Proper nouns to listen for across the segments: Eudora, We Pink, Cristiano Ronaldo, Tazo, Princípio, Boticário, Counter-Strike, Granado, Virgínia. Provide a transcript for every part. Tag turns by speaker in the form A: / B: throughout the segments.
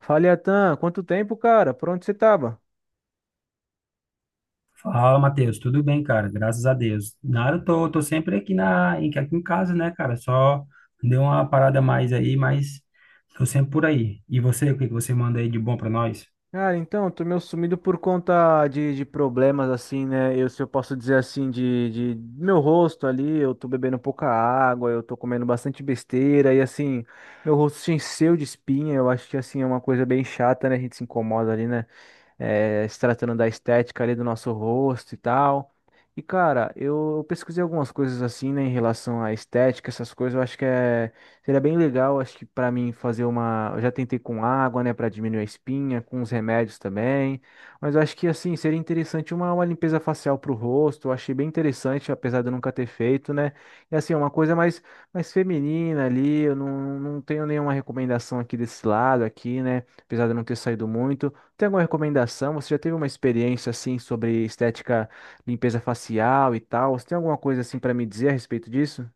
A: Fala, Atan, quanto tempo, cara? Por onde você tava?
B: Fala, Matheus. Tudo bem, cara? Graças a Deus. Nada, eu tô sempre aqui, aqui em casa, né, cara? Só deu uma parada a mais aí, mas tô sempre por aí. E você, o que que você manda aí de bom pra nós?
A: Cara, então, eu tô meio sumido por conta de problemas, assim, né? Eu, se eu posso dizer assim, de do meu rosto ali, eu tô bebendo pouca água, eu tô comendo bastante besteira, e assim, meu rosto se encheu de espinha, eu acho que, assim, é uma coisa bem chata, né? A gente se incomoda ali, né? Se tratando da estética ali do nosso rosto e tal. E, cara, eu pesquisei algumas coisas assim, né, em relação à estética, essas coisas, eu acho que é, seria bem legal, acho que para mim fazer uma, eu já tentei com água, né, para diminuir a espinha, com os remédios também, mas eu acho que, assim, seria interessante uma limpeza facial pro rosto, eu achei bem interessante, apesar de eu nunca ter feito, né, e assim, é uma coisa mais, mais feminina ali, eu não tenho nenhuma recomendação aqui desse lado aqui, né, apesar de eu não ter saído muito, tem alguma recomendação? Você já teve uma experiência assim sobre estética, limpeza facial e tal? Você tem alguma coisa assim para me dizer a respeito disso?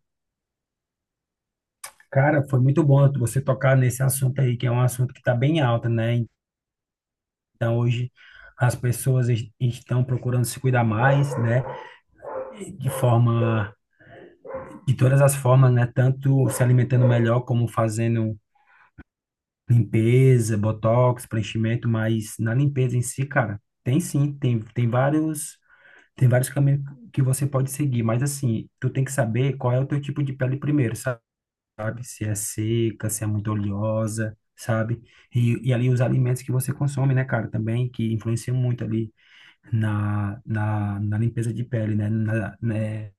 B: Cara, foi muito bom você tocar nesse assunto aí, que é um assunto que está bem alta, né? Então, hoje as pessoas estão procurando se cuidar mais, né? De forma, de todas as formas, né? Tanto se alimentando melhor, como fazendo limpeza, botox, preenchimento, mas na limpeza em si, cara, tem sim, tem vários caminhos que você pode seguir, mas assim, tu tem que saber qual é o teu tipo de pele primeiro, sabe? Se é seca, se é muito oleosa, sabe? E ali os alimentos que você consome, né, cara, também, que influenciam muito ali na limpeza de pele, né?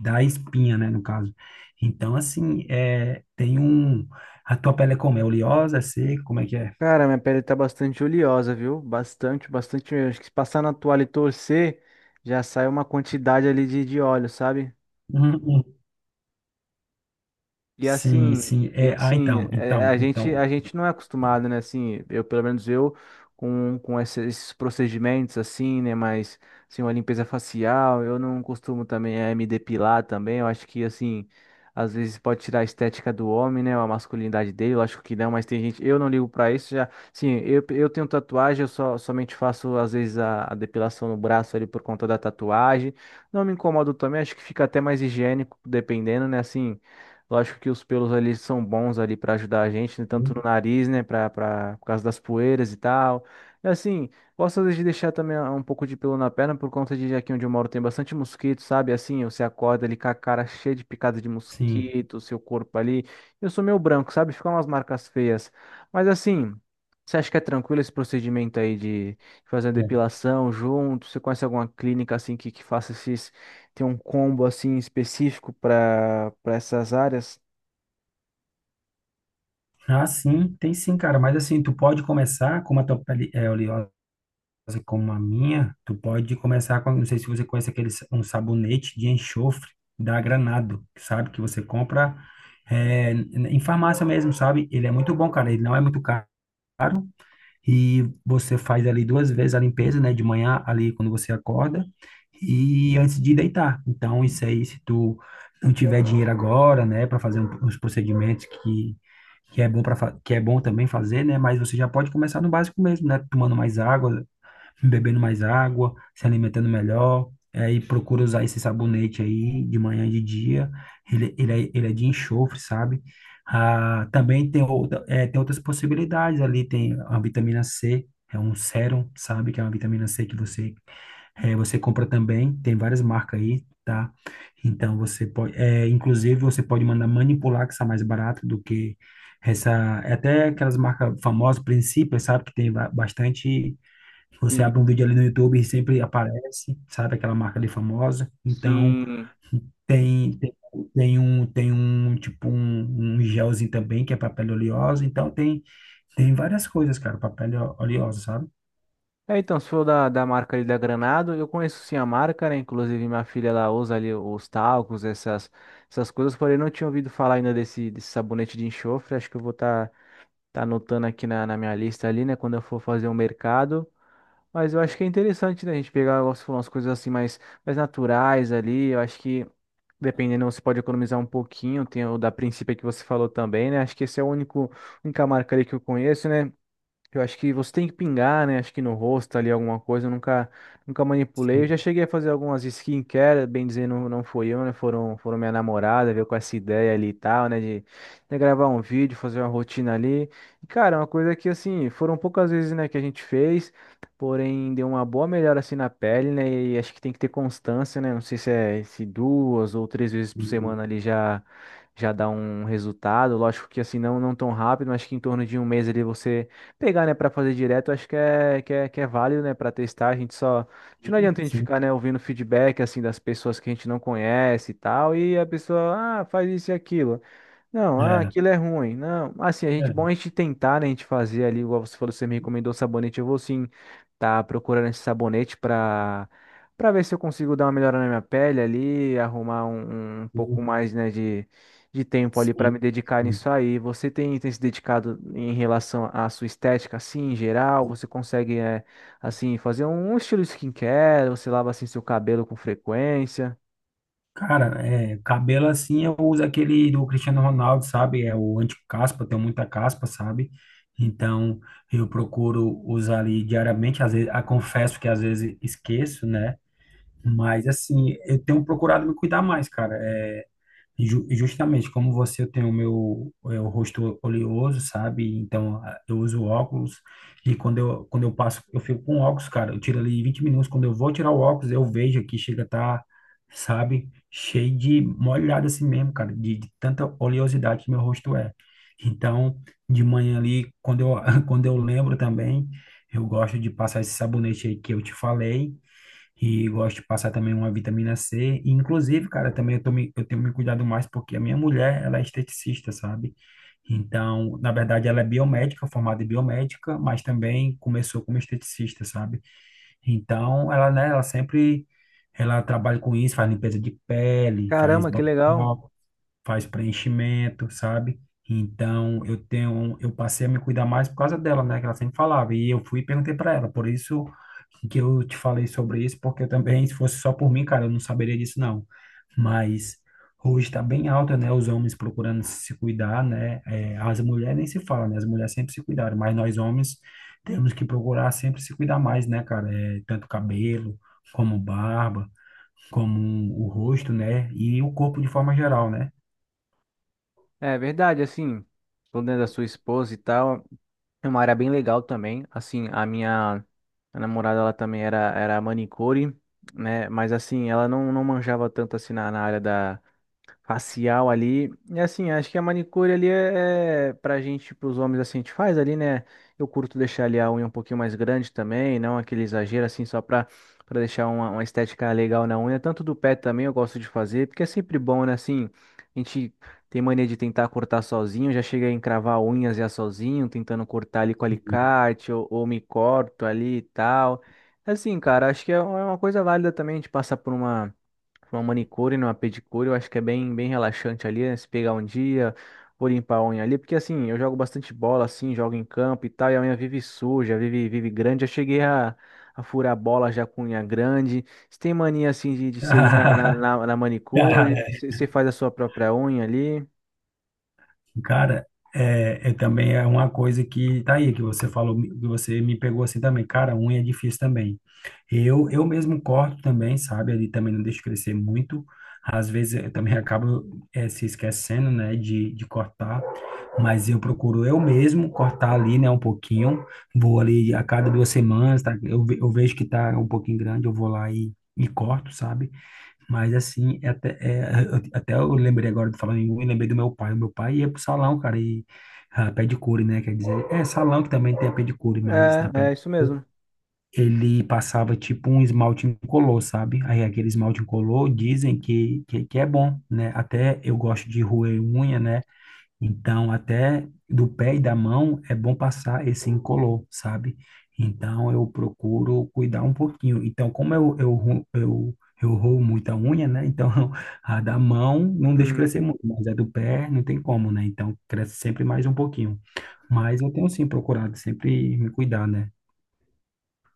B: Da espinha, né, no caso. Então, assim, tem A tua pele é como? É oleosa? É seca? Como é que é?
A: Cara, minha pele tá bastante oleosa, viu? Bastante, bastante mesmo. Acho que se passar na toalha e torcer, já sai uma quantidade ali de óleo, sabe?
B: Uhum.
A: E
B: Sim,
A: assim,
B: sim.
A: e assim,
B: Então,
A: é, a gente não é acostumado, né? Assim, eu, pelo menos eu, com esses procedimentos assim, né? Mas, assim, uma limpeza facial, eu não costumo também me depilar também. Eu acho que, assim, às vezes pode tirar a estética do homem, né? A masculinidade dele, eu acho que não, mas tem gente, eu não ligo pra isso. Já, sim, eu tenho tatuagem, eu só, somente faço, às vezes, a depilação no braço ali por conta da tatuagem. Não me incomodo também, acho que fica até mais higiênico, dependendo, né? Assim. Lógico que os pelos ali são bons ali para ajudar a gente, né? Tanto no
B: Hum.
A: nariz, né? Para por causa das poeiras e tal. E assim, gosto às vezes de deixar também um pouco de pelo na perna por conta de aqui onde eu moro tem bastante mosquito, sabe? Assim, você acorda ali com a cara cheia de picada de
B: Sim.
A: mosquito, seu corpo ali. Eu sou meio branco, sabe? Ficam umas marcas feias. Mas assim, você acha que é tranquilo esse procedimento aí de fazer a
B: É.
A: depilação junto? Você conhece alguma clínica assim que faça esses tem um combo assim específico para essas áreas?
B: Ah, sim, tem sim, cara. Mas assim, tu pode começar, com uma tua pele é oleosa como a minha, tu pode começar com, não sei se você conhece um sabonete de enxofre da Granado, sabe? Que você compra em farmácia mesmo, sabe? Ele é muito bom, cara. Ele não é muito caro. E você faz ali duas vezes a limpeza, né, de manhã ali quando você acorda e antes de deitar. Então, isso aí, se tu não tiver dinheiro agora, né, para fazer uns procedimentos que é bom também fazer, né, mas você já pode começar no básico mesmo, né, tomando mais água, bebendo mais água, se alimentando melhor. Aí procura usar esse sabonete aí de manhã e de dia. Ele é de enxofre, sabe? Ah, também tem, tem outras possibilidades ali. Tem a vitamina C, é um sérum, sabe? Que é uma vitamina C que você compra também. Tem várias marcas aí, tá? Então você pode, é, inclusive você pode mandar manipular, que está mais barato do que essa, é até aquelas marcas famosas, Princípio, sabe? Que tem bastante. Você abre um
A: Sim,
B: vídeo ali no YouTube e sempre aparece, sabe, aquela marca ali famosa. Então,
A: sim.
B: tem, tem, tem um, tipo, um gelzinho também, que é pra pele oleosa. Então, tem, tem várias coisas, cara, pra pele oleosa, sabe?
A: É, então, se for da marca ali da Granado, eu conheço sim a marca, né? Inclusive minha filha ela usa ali os talcos, essas, essas coisas, porém não tinha ouvido falar ainda desse sabonete de enxofre. Acho que eu vou estar tá, tá anotando aqui na minha lista ali, né? Quando eu for fazer o mercado. Mas eu acho que é interessante, né? A gente pegar, igual você falou, umas coisas assim mais, mais naturais ali. Eu acho que dependendo, você pode economizar um pouquinho. Tem o da Princípio que você falou também, né? Acho que esse é o único, única marca ali que eu conheço, né? Eu acho que você tem que pingar, né? Acho que no rosto ali alguma coisa. Eu nunca, nunca manipulei. Eu já cheguei a fazer algumas skincare, bem dizendo, não não foi eu, né? Foram, foram minha namorada, veio com essa ideia ali e tal, né? De gravar um vídeo, fazer uma rotina ali. E, cara, é uma coisa que, assim, foram poucas vezes, né, que a gente fez, porém deu uma boa melhora, assim, na pele, né? E acho que tem que ter constância, né? Não sei se é se duas ou três vezes por
B: Sim,
A: semana ali já. Já dá um resultado, lógico que assim, não, não tão rápido, mas que em torno de um mês ali você pegar, né, para fazer direto, acho que é, que é, que é válido, né, para testar. A gente só. A gente não
B: sim,
A: adianta a gente
B: sim.
A: ficar, né, ouvindo feedback, assim, das pessoas que a gente não conhece e tal, e a pessoa, ah, faz isso e aquilo. Não, ah,
B: É,
A: aquilo é ruim. Não, assim, a gente,
B: é,
A: bom a gente tentar, né, a gente fazer ali, igual você falou, você me recomendou o sabonete, eu vou sim tá procurando esse sabonete pra, pra ver se eu consigo dar uma melhora na minha pele ali, arrumar um, um um pouco
B: sim,
A: mais, né, de tempo ali pra
B: sim,
A: me dedicar nisso aí. Você tem, tem se dedicado em relação à sua estética, assim, em geral?
B: sim.
A: Você consegue, é, assim, fazer um estilo skincare? Você lava, assim, seu cabelo com frequência?
B: Cara, é, cabelo assim eu uso aquele do Cristiano Ronaldo, sabe? É o anti-caspa, tenho muita caspa, sabe? Então eu procuro usar ali diariamente, às vezes, ah, confesso que às vezes esqueço, né? Mas assim, eu tenho procurado me cuidar mais, cara. Justamente, como você, eu tenho o meu o rosto oleoso, sabe? Então, eu uso óculos e quando eu passo, eu fico com óculos, cara. Eu tiro ali 20 minutos. Quando eu vou tirar o óculos, eu vejo aqui, chega a tá, sabe? Cheio de molhado assim mesmo, cara, de tanta oleosidade que meu rosto é. Então, de manhã ali, quando eu lembro também, eu gosto de passar esse sabonete aí que eu te falei e gosto de passar também uma vitamina C. E, inclusive, cara, também eu tenho me cuidado mais porque a minha mulher, ela é esteticista, sabe? Então, na verdade, ela é biomédica, formada em biomédica, mas também começou como esteticista, sabe? Então, ela, né, ela sempre, ela trabalha com isso, faz limpeza de pele, faz
A: Caramba, que legal!
B: botox, faz preenchimento, sabe? Então, eu passei a me cuidar mais por causa dela, né? Que ela sempre falava. E eu fui e perguntei para ela. Por isso que eu te falei sobre isso, porque eu também, se fosse só por mim, cara, eu não saberia disso, não. Mas hoje está bem alta, né? Os homens procurando se cuidar, né? É, as mulheres nem se fala, né? As mulheres sempre se cuidaram, mas nós homens temos que procurar sempre se cuidar mais, né, cara? É, tanto cabelo, como barba, como o rosto, né? E o corpo de forma geral, né?
A: É verdade, assim, falando da sua esposa e tal, é uma área bem legal também. Assim, a minha a namorada, ela também era manicure, né? Mas assim, ela não, não manjava tanto assim na área da, facial ali. E assim, acho que a manicure ali é, é pra gente, pros homens assim, a gente faz ali, né? Eu curto deixar ali a unha um pouquinho mais grande também, não aquele exagero assim, só pra, pra deixar uma estética legal na unha. Tanto do pé também eu gosto de fazer, porque é sempre bom, né? Assim, a gente tem mania de tentar cortar sozinho, já chega a encravar unhas já sozinho, tentando cortar ali com
B: E-
A: alicate ou me corto ali e tal. Assim, cara, acho que é uma coisa válida também a gente passar por uma. Uma manicure, né, uma pedicure, eu acho que é bem, bem relaxante ali, né? Se pegar um dia, vou limpar a unha ali, porque assim, eu jogo bastante bola, assim, jogo em campo e tal, e a unha vive suja, vive, vive grande. Já cheguei a furar a bola já com unha grande. Você tem mania, assim, de você ir na
B: Cara,
A: manicure, você faz a sua própria unha ali?
B: cara, é, é também é uma coisa que tá aí, que você falou, que você me pegou assim também. Cara, unha é difícil também. Eu mesmo corto também, sabe? Ali também não deixo crescer muito. Às vezes eu também acabo se esquecendo, né, de cortar. Mas eu procuro eu mesmo cortar ali, né, um pouquinho. Vou ali a cada duas semanas, tá? Eu vejo que tá um pouquinho grande, eu vou lá e corto, sabe? Mas assim, até eu lembrei agora de falar em unha, lembrei do meu pai. O meu pai ia pro salão, cara, e ah, pedicure, né? Quer dizer, é salão que também tem a pedicure, mas na
A: É, é isso
B: pedicure
A: mesmo.
B: ele passava tipo um esmalte incolor, sabe? Aí aquele esmalte incolor dizem que é bom, né? Até eu gosto de roer unha, né? Então, até do pé e da mão é bom passar esse incolor, sabe? Então, eu procuro cuidar um pouquinho. Então, como eu, ru- eu roo muita unha, né? Então, a da mão não deixo crescer muito, mas a do pé não tem como, né? Então, cresce sempre mais um pouquinho. Mas eu tenho, sim, procurado sempre me cuidar, né?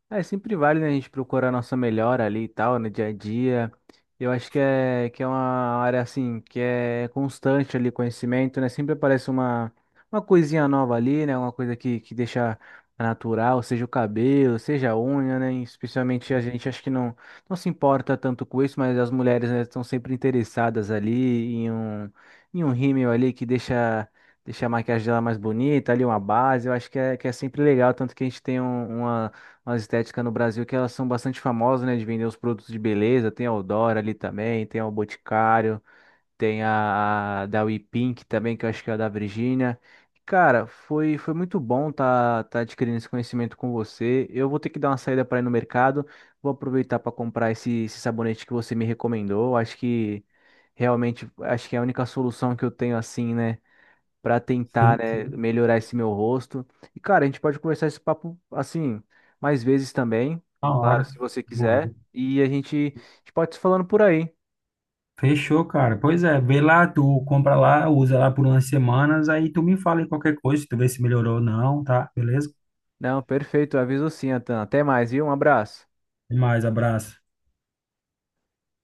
A: É, sempre vale, né, a gente procurar a nossa melhora ali e tal, no dia a dia. Eu acho que é uma área, assim, que é constante ali, conhecimento, né? Sempre aparece uma coisinha nova ali, né? Uma coisa que deixa natural, seja o cabelo, seja a unha, né? Especialmente a gente, acho que não, não se importa tanto com isso, mas as mulheres, né, estão sempre interessadas ali em um rímel ali que deixa... Deixa a maquiagem dela mais bonita, ali uma base, eu acho que é sempre legal, tanto que a gente tem um, uma, as estéticas no Brasil que elas são bastante famosas, né, de vender os produtos de beleza. Tem a Eudora ali também, tem a o Boticário, tem a da We Pink também, que eu acho que é a da Virgínia. Cara, foi, foi muito bom tá, tá adquirindo esse conhecimento com você. Eu vou ter que dar uma saída para ir no mercado. Vou aproveitar para comprar esse, esse sabonete que você me recomendou. Acho que realmente acho que é a única solução que eu tenho assim, né? Para tentar,
B: Sim,
A: né,
B: sim.
A: melhorar esse meu rosto. E, cara, a gente pode conversar esse papo assim mais vezes também,
B: Na
A: claro, se
B: hora.
A: você
B: Na hora.
A: quiser. E a gente pode se falando por aí.
B: Fechou, cara. Pois é, vê lá, tu compra lá, usa lá por umas semanas, aí tu me fala em qualquer coisa, tu vê se melhorou ou não, tá? Beleza?
A: Não, perfeito, aviso sim, Atan. Até mais, viu? Um abraço.
B: Até mais, abraço.